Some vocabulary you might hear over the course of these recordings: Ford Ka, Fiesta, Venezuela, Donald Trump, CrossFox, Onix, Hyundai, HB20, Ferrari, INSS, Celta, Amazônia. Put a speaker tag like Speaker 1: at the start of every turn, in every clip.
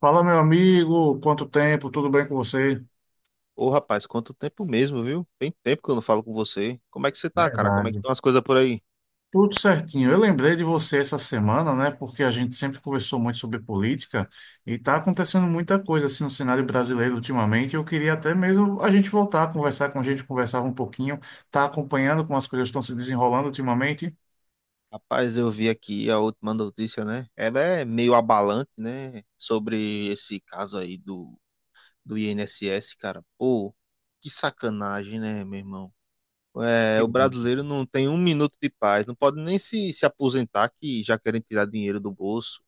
Speaker 1: Fala, meu amigo, quanto tempo, tudo bem com você?
Speaker 2: Ô, rapaz, quanto tempo mesmo, viu? Tem tempo que eu não falo com você. Como é que você tá, cara? Como é que
Speaker 1: Verdade.
Speaker 2: estão as coisas por aí?
Speaker 1: Tudo certinho. Eu lembrei de você essa semana, né? Porque a gente sempre conversou muito sobre política e tá acontecendo muita coisa assim no cenário brasileiro ultimamente. Eu queria até mesmo a gente voltar a conversar com a gente, conversava um pouquinho, tá acompanhando como as coisas estão se desenrolando ultimamente.
Speaker 2: Rapaz, eu vi aqui a última notícia, né? Ela é meio abalante, né? Sobre esse caso aí do INSS, cara. Pô, que sacanagem, né, meu irmão? É, o brasileiro não tem um minuto de paz, não pode nem se aposentar que já querem tirar dinheiro do bolso.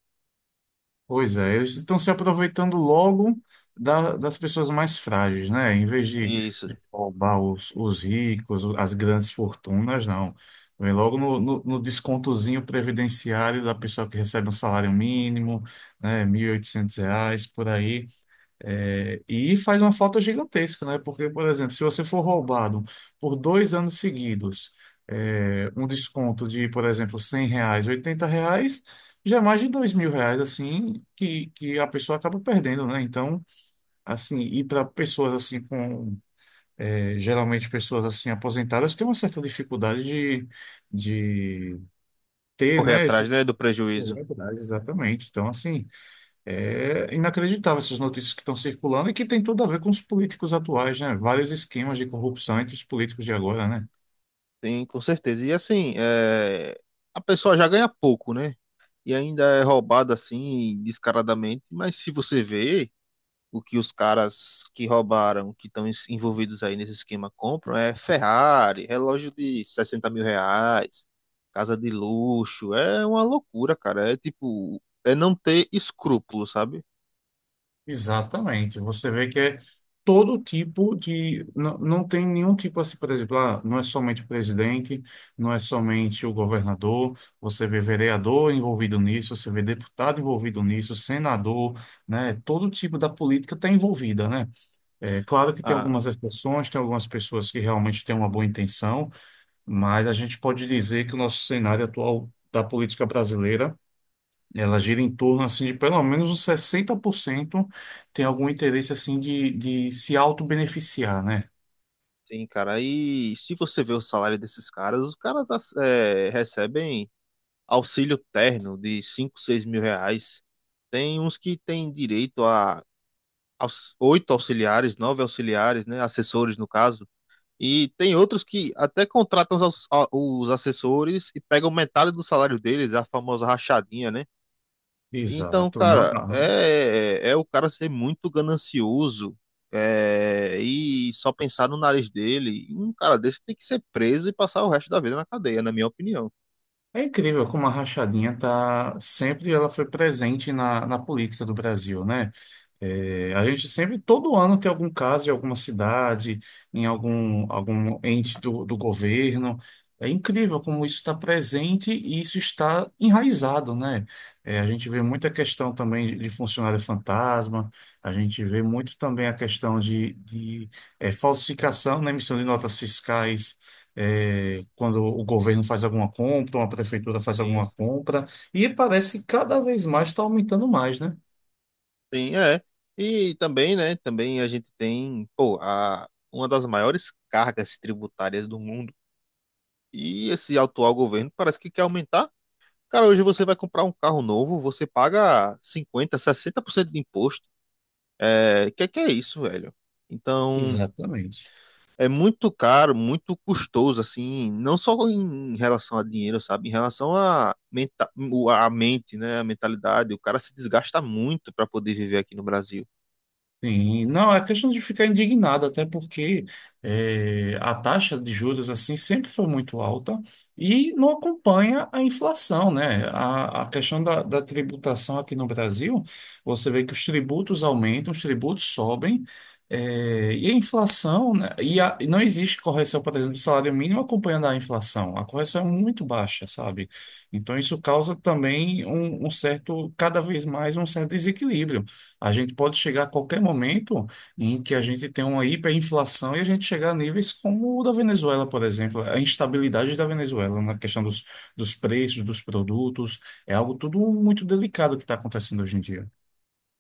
Speaker 1: Pois é, eles estão se aproveitando logo das pessoas mais frágeis, né?
Speaker 2: Isso,
Speaker 1: De roubar os ricos, as grandes fortunas, não. Vem logo no descontozinho previdenciário da pessoa que recebe um salário mínimo, né? Mil e oitocentos reais, por aí. É, e faz uma falta gigantesca, né? Porque, por exemplo, se você for roubado por dois anos seguidos, um desconto de, por exemplo, 100 reais, 80 reais, já é mais de dois mil reais, assim, que a pessoa acaba perdendo, né? Então, assim, e para pessoas assim com... é, geralmente pessoas assim aposentadas têm uma certa dificuldade de ter,
Speaker 2: correr
Speaker 1: né,
Speaker 2: atrás,
Speaker 1: esses...
Speaker 2: né, do prejuízo.
Speaker 1: Exatamente. Então, assim, é inacreditável essas notícias que estão circulando e que tem tudo a ver com os políticos atuais, né? Vários esquemas de corrupção entre os políticos de agora, né?
Speaker 2: Tem, com certeza. E assim, é, a pessoa já ganha pouco, né? E ainda é roubado assim, descaradamente. Mas se você vê o que os caras que roubaram, que estão envolvidos aí nesse esquema, compram, é Ferrari, relógio de 60 mil reais, casa de luxo. É uma loucura, cara. É tipo, é não ter escrúpulo, sabe?
Speaker 1: Exatamente. Você vê que é todo tipo de. Não, não tem nenhum tipo assim, por exemplo, ah, não é somente o presidente, não é somente o governador, você vê vereador envolvido nisso, você vê deputado envolvido nisso, senador, né? Todo tipo da política está envolvida, né? É claro que tem
Speaker 2: Ah,
Speaker 1: algumas exceções, tem algumas pessoas que realmente têm uma boa intenção. Mas a gente pode dizer que o nosso cenário atual da política brasileira, ela gira em torno assim de pelo menos uns 60% tem algum interesse assim de se autobeneficiar, né?
Speaker 2: sim, cara. E se você vê o salário desses caras, os caras ass- é, recebem auxílio terno de 5 6 mil reais. Tem uns que têm direito a oito auxiliares, nove auxiliares, né, assessores no caso, e tem outros que até contratam os assessores e pegam metade do salário deles, a famosa rachadinha, né? Então,
Speaker 1: Exato, não,
Speaker 2: cara,
Speaker 1: não.
Speaker 2: é o cara ser muito ganancioso, é, e só pensar no nariz dele. Um cara desse tem que ser preso e passar o resto da vida na cadeia, na minha opinião.
Speaker 1: É incrível como a rachadinha tá sempre ela foi presente na política do Brasil, né? É, a gente sempre, todo ano, tem algum caso em alguma cidade, em algum, algum ente do governo. É incrível como isso está presente e isso está enraizado, né? É, a gente vê muita questão também de funcionário fantasma, a gente vê muito também a questão é, falsificação na emissão de notas fiscais é, quando o governo faz alguma compra, uma prefeitura faz
Speaker 2: Sim.
Speaker 1: alguma compra, e parece que cada vez mais está aumentando mais, né?
Speaker 2: Sim, é. E também, né? Também a gente tem, pô, uma das maiores cargas tributárias do mundo. E esse atual governo parece que quer aumentar. Cara, hoje você vai comprar um carro novo, você paga 50%, 60% de imposto. É, que é isso, velho? Então,
Speaker 1: Exatamente.
Speaker 2: é muito caro, muito custoso, assim, não só em relação a dinheiro, sabe? Em relação a mente, né? A mentalidade. O cara se desgasta muito para poder viver aqui no Brasil.
Speaker 1: Sim, não, é questão de ficar indignado, até porque a taxa de juros assim sempre foi muito alta e não acompanha a inflação, né? A questão da tributação aqui no Brasil, você vê que os tributos aumentam, os tributos sobem, e a inflação, né? E não existe correção, por exemplo, do salário mínimo acompanhando a inflação. A correção é muito baixa, sabe? Então isso causa também um certo, cada vez mais um certo desequilíbrio. A gente pode chegar a qualquer momento em que a gente tenha uma hiperinflação e a gente chegar a níveis como o da Venezuela, por exemplo. A instabilidade da Venezuela na questão dos preços, dos produtos, é algo tudo muito delicado que está acontecendo hoje em dia.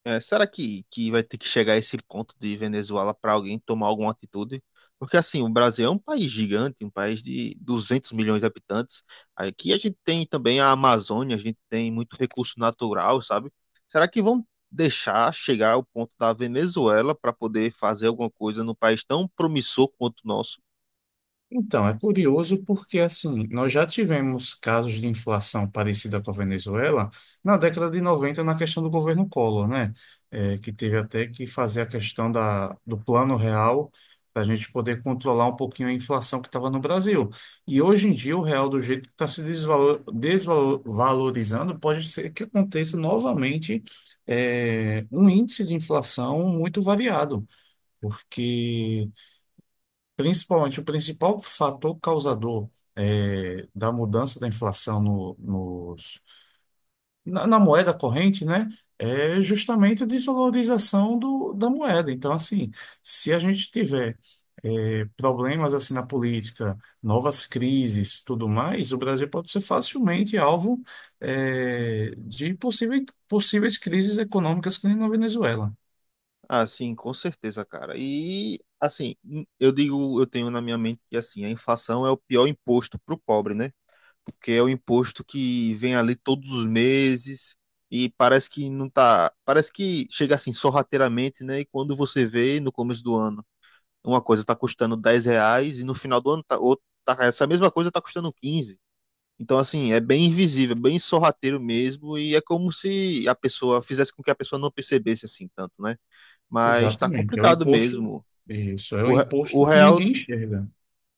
Speaker 2: É, será que vai ter que chegar a esse ponto de Venezuela para alguém tomar alguma atitude? Porque, assim, o Brasil é um país gigante, um país de 200 milhões de habitantes. Aqui a gente tem também a Amazônia, a gente tem muito recurso natural, sabe? Será que vão deixar chegar ao ponto da Venezuela para poder fazer alguma coisa num país tão promissor quanto o nosso?
Speaker 1: Então, é curioso porque, assim, nós já tivemos casos de inflação parecida com a Venezuela na década de 90 na questão do governo Collor, né? É, que teve até que fazer a questão do plano real para a gente poder controlar um pouquinho a inflação que estava no Brasil. E hoje em dia, o real, do jeito que está se desvalorizando, pode ser que aconteça novamente, é, um índice de inflação muito variado, porque. Principalmente, o principal fator causador da mudança da inflação na, na moeda corrente, né, é justamente a desvalorização da moeda. Então, assim, se a gente tiver problemas assim na política, novas crises, tudo mais, o Brasil pode ser facilmente alvo de possíveis crises econômicas que nem na Venezuela.
Speaker 2: Ah, sim, com certeza, cara. E, assim, eu digo, eu tenho na minha mente que, assim, a inflação é o pior imposto para o pobre, né? Porque é o imposto que vem ali todos os meses e parece que não tá, parece que chega assim sorrateiramente, né? E quando você vê no começo do ano, uma coisa tá custando 10 reais e no final do ano tá, essa mesma coisa tá custando 15. Então, assim, é bem invisível, bem sorrateiro mesmo, e é como se a pessoa fizesse com que a pessoa não percebesse assim tanto, né? Mas tá
Speaker 1: Exatamente. É um
Speaker 2: complicado
Speaker 1: imposto,
Speaker 2: mesmo.
Speaker 1: isso, é um
Speaker 2: O, re- o
Speaker 1: imposto que
Speaker 2: real
Speaker 1: ninguém enxerga.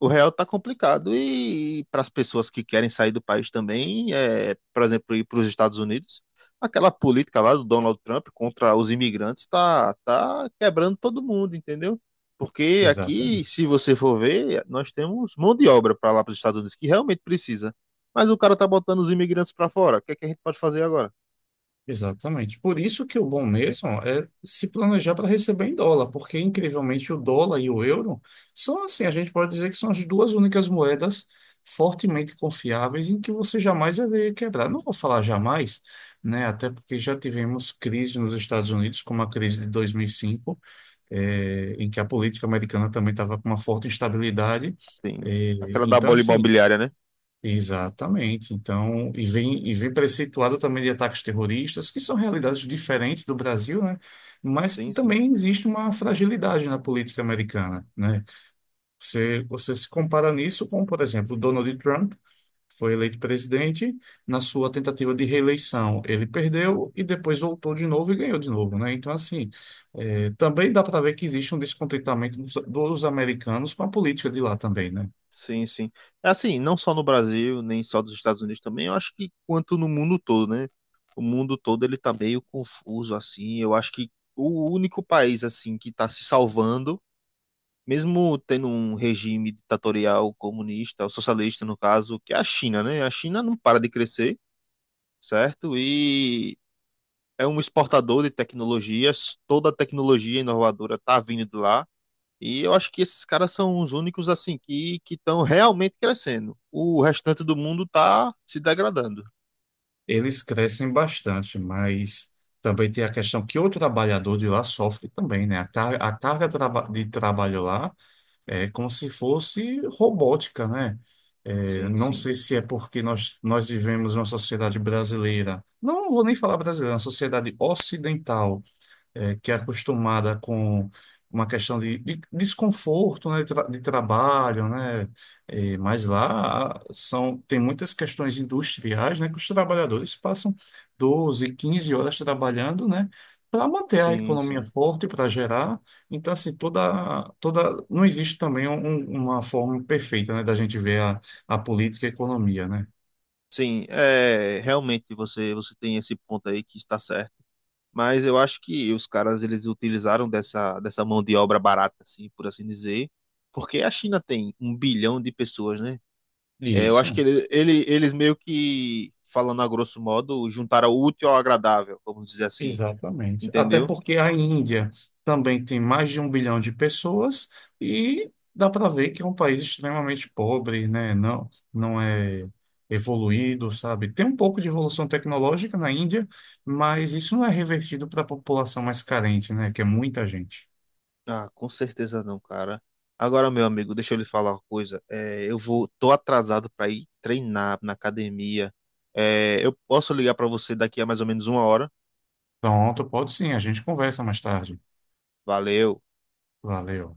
Speaker 2: o real tá complicado e, para as pessoas que querem sair do país também, é, por exemplo, ir para os Estados Unidos, aquela política lá do Donald Trump contra os imigrantes tá quebrando todo mundo, entendeu? Porque aqui,
Speaker 1: Exatamente.
Speaker 2: se você for ver, nós temos mão de obra para lá para os Estados Unidos que realmente precisa. Mas o cara tá botando os imigrantes para fora. O que é que a gente pode fazer agora?
Speaker 1: Exatamente. Por isso que o bom mesmo é se planejar para receber em dólar, porque incrivelmente o dólar e o euro são assim, a gente pode dizer que são as duas únicas moedas fortemente confiáveis em que você jamais vai ver quebrar. Não vou falar jamais, né? Até porque já tivemos crise nos Estados Unidos, como a crise de 2005, em que a política americana também estava com uma forte instabilidade.
Speaker 2: Tem
Speaker 1: Eh,
Speaker 2: aquela da
Speaker 1: então,
Speaker 2: bola
Speaker 1: assim,
Speaker 2: imobiliária, né?
Speaker 1: Exatamente. Então, e vem preceituado também de ataques terroristas, que são realidades diferentes do Brasil, né? Mas que
Speaker 2: Sim, sim.
Speaker 1: também existe uma fragilidade na política americana, né? Você se compara nisso com, por exemplo, Donald Trump, que foi eleito presidente, na sua tentativa de reeleição, ele perdeu e depois voltou de novo e ganhou de novo, né? Então, assim, também dá para ver que existe um descontentamento dos americanos com a política de lá também, né?
Speaker 2: Sim, sim. É, assim, não só no Brasil, nem só dos Estados Unidos também, eu acho que quanto no mundo todo, né? O mundo todo ele tá meio confuso, assim. Eu acho que o único país, assim, que tá se salvando, mesmo tendo um regime ditatorial comunista, ou socialista, no caso, que é a China, né? A China não para de crescer, certo? E é um exportador de tecnologias, toda a tecnologia inovadora tá vindo de lá. E eu acho que esses caras são os únicos assim que estão realmente crescendo. O restante do mundo tá se degradando.
Speaker 1: Eles crescem bastante, mas também tem a questão que o trabalhador de lá sofre também, né? A carga, a de trabalho lá é como se fosse robótica, né? É,
Speaker 2: Sim,
Speaker 1: não
Speaker 2: sim.
Speaker 1: sei se é porque nós vivemos uma sociedade brasileira, não vou nem falar brasileira, é uma sociedade ocidental, é, que é acostumada com uma questão de desconforto, né, de trabalho, né, é, mas lá são, tem muitas questões industriais, né, que os trabalhadores passam 12, 15 horas trabalhando, né, para manter a
Speaker 2: Sim,
Speaker 1: economia
Speaker 2: sim.
Speaker 1: forte, para gerar. Então, assim, toda, toda, não existe também uma forma perfeita, né, da gente ver a política e a economia, né.
Speaker 2: Sim, é, realmente você tem esse ponto aí que está certo. Mas eu acho que os caras eles utilizaram dessa mão de obra barata assim, por assim dizer, porque a China tem 1 bilhão de pessoas, né? É, eu acho
Speaker 1: Isso.
Speaker 2: que eles meio que falando a grosso modo juntaram o útil ao agradável, vamos dizer assim,
Speaker 1: Exatamente. Até
Speaker 2: entendeu?
Speaker 1: porque a Índia também tem mais de um bilhão de pessoas e dá para ver que é um país extremamente pobre, né? Não, não é evoluído, sabe? Tem um pouco de evolução tecnológica na Índia, mas isso não é revertido para a população mais carente, né? Que é muita gente.
Speaker 2: Ah, com certeza não, cara. Agora, meu amigo, deixa eu lhe falar uma coisa. É, eu vou, tô atrasado para ir treinar na academia. É, eu posso ligar para você daqui a mais ou menos uma hora.
Speaker 1: Pronto, pode sim, a gente conversa mais tarde.
Speaker 2: Valeu.
Speaker 1: Valeu.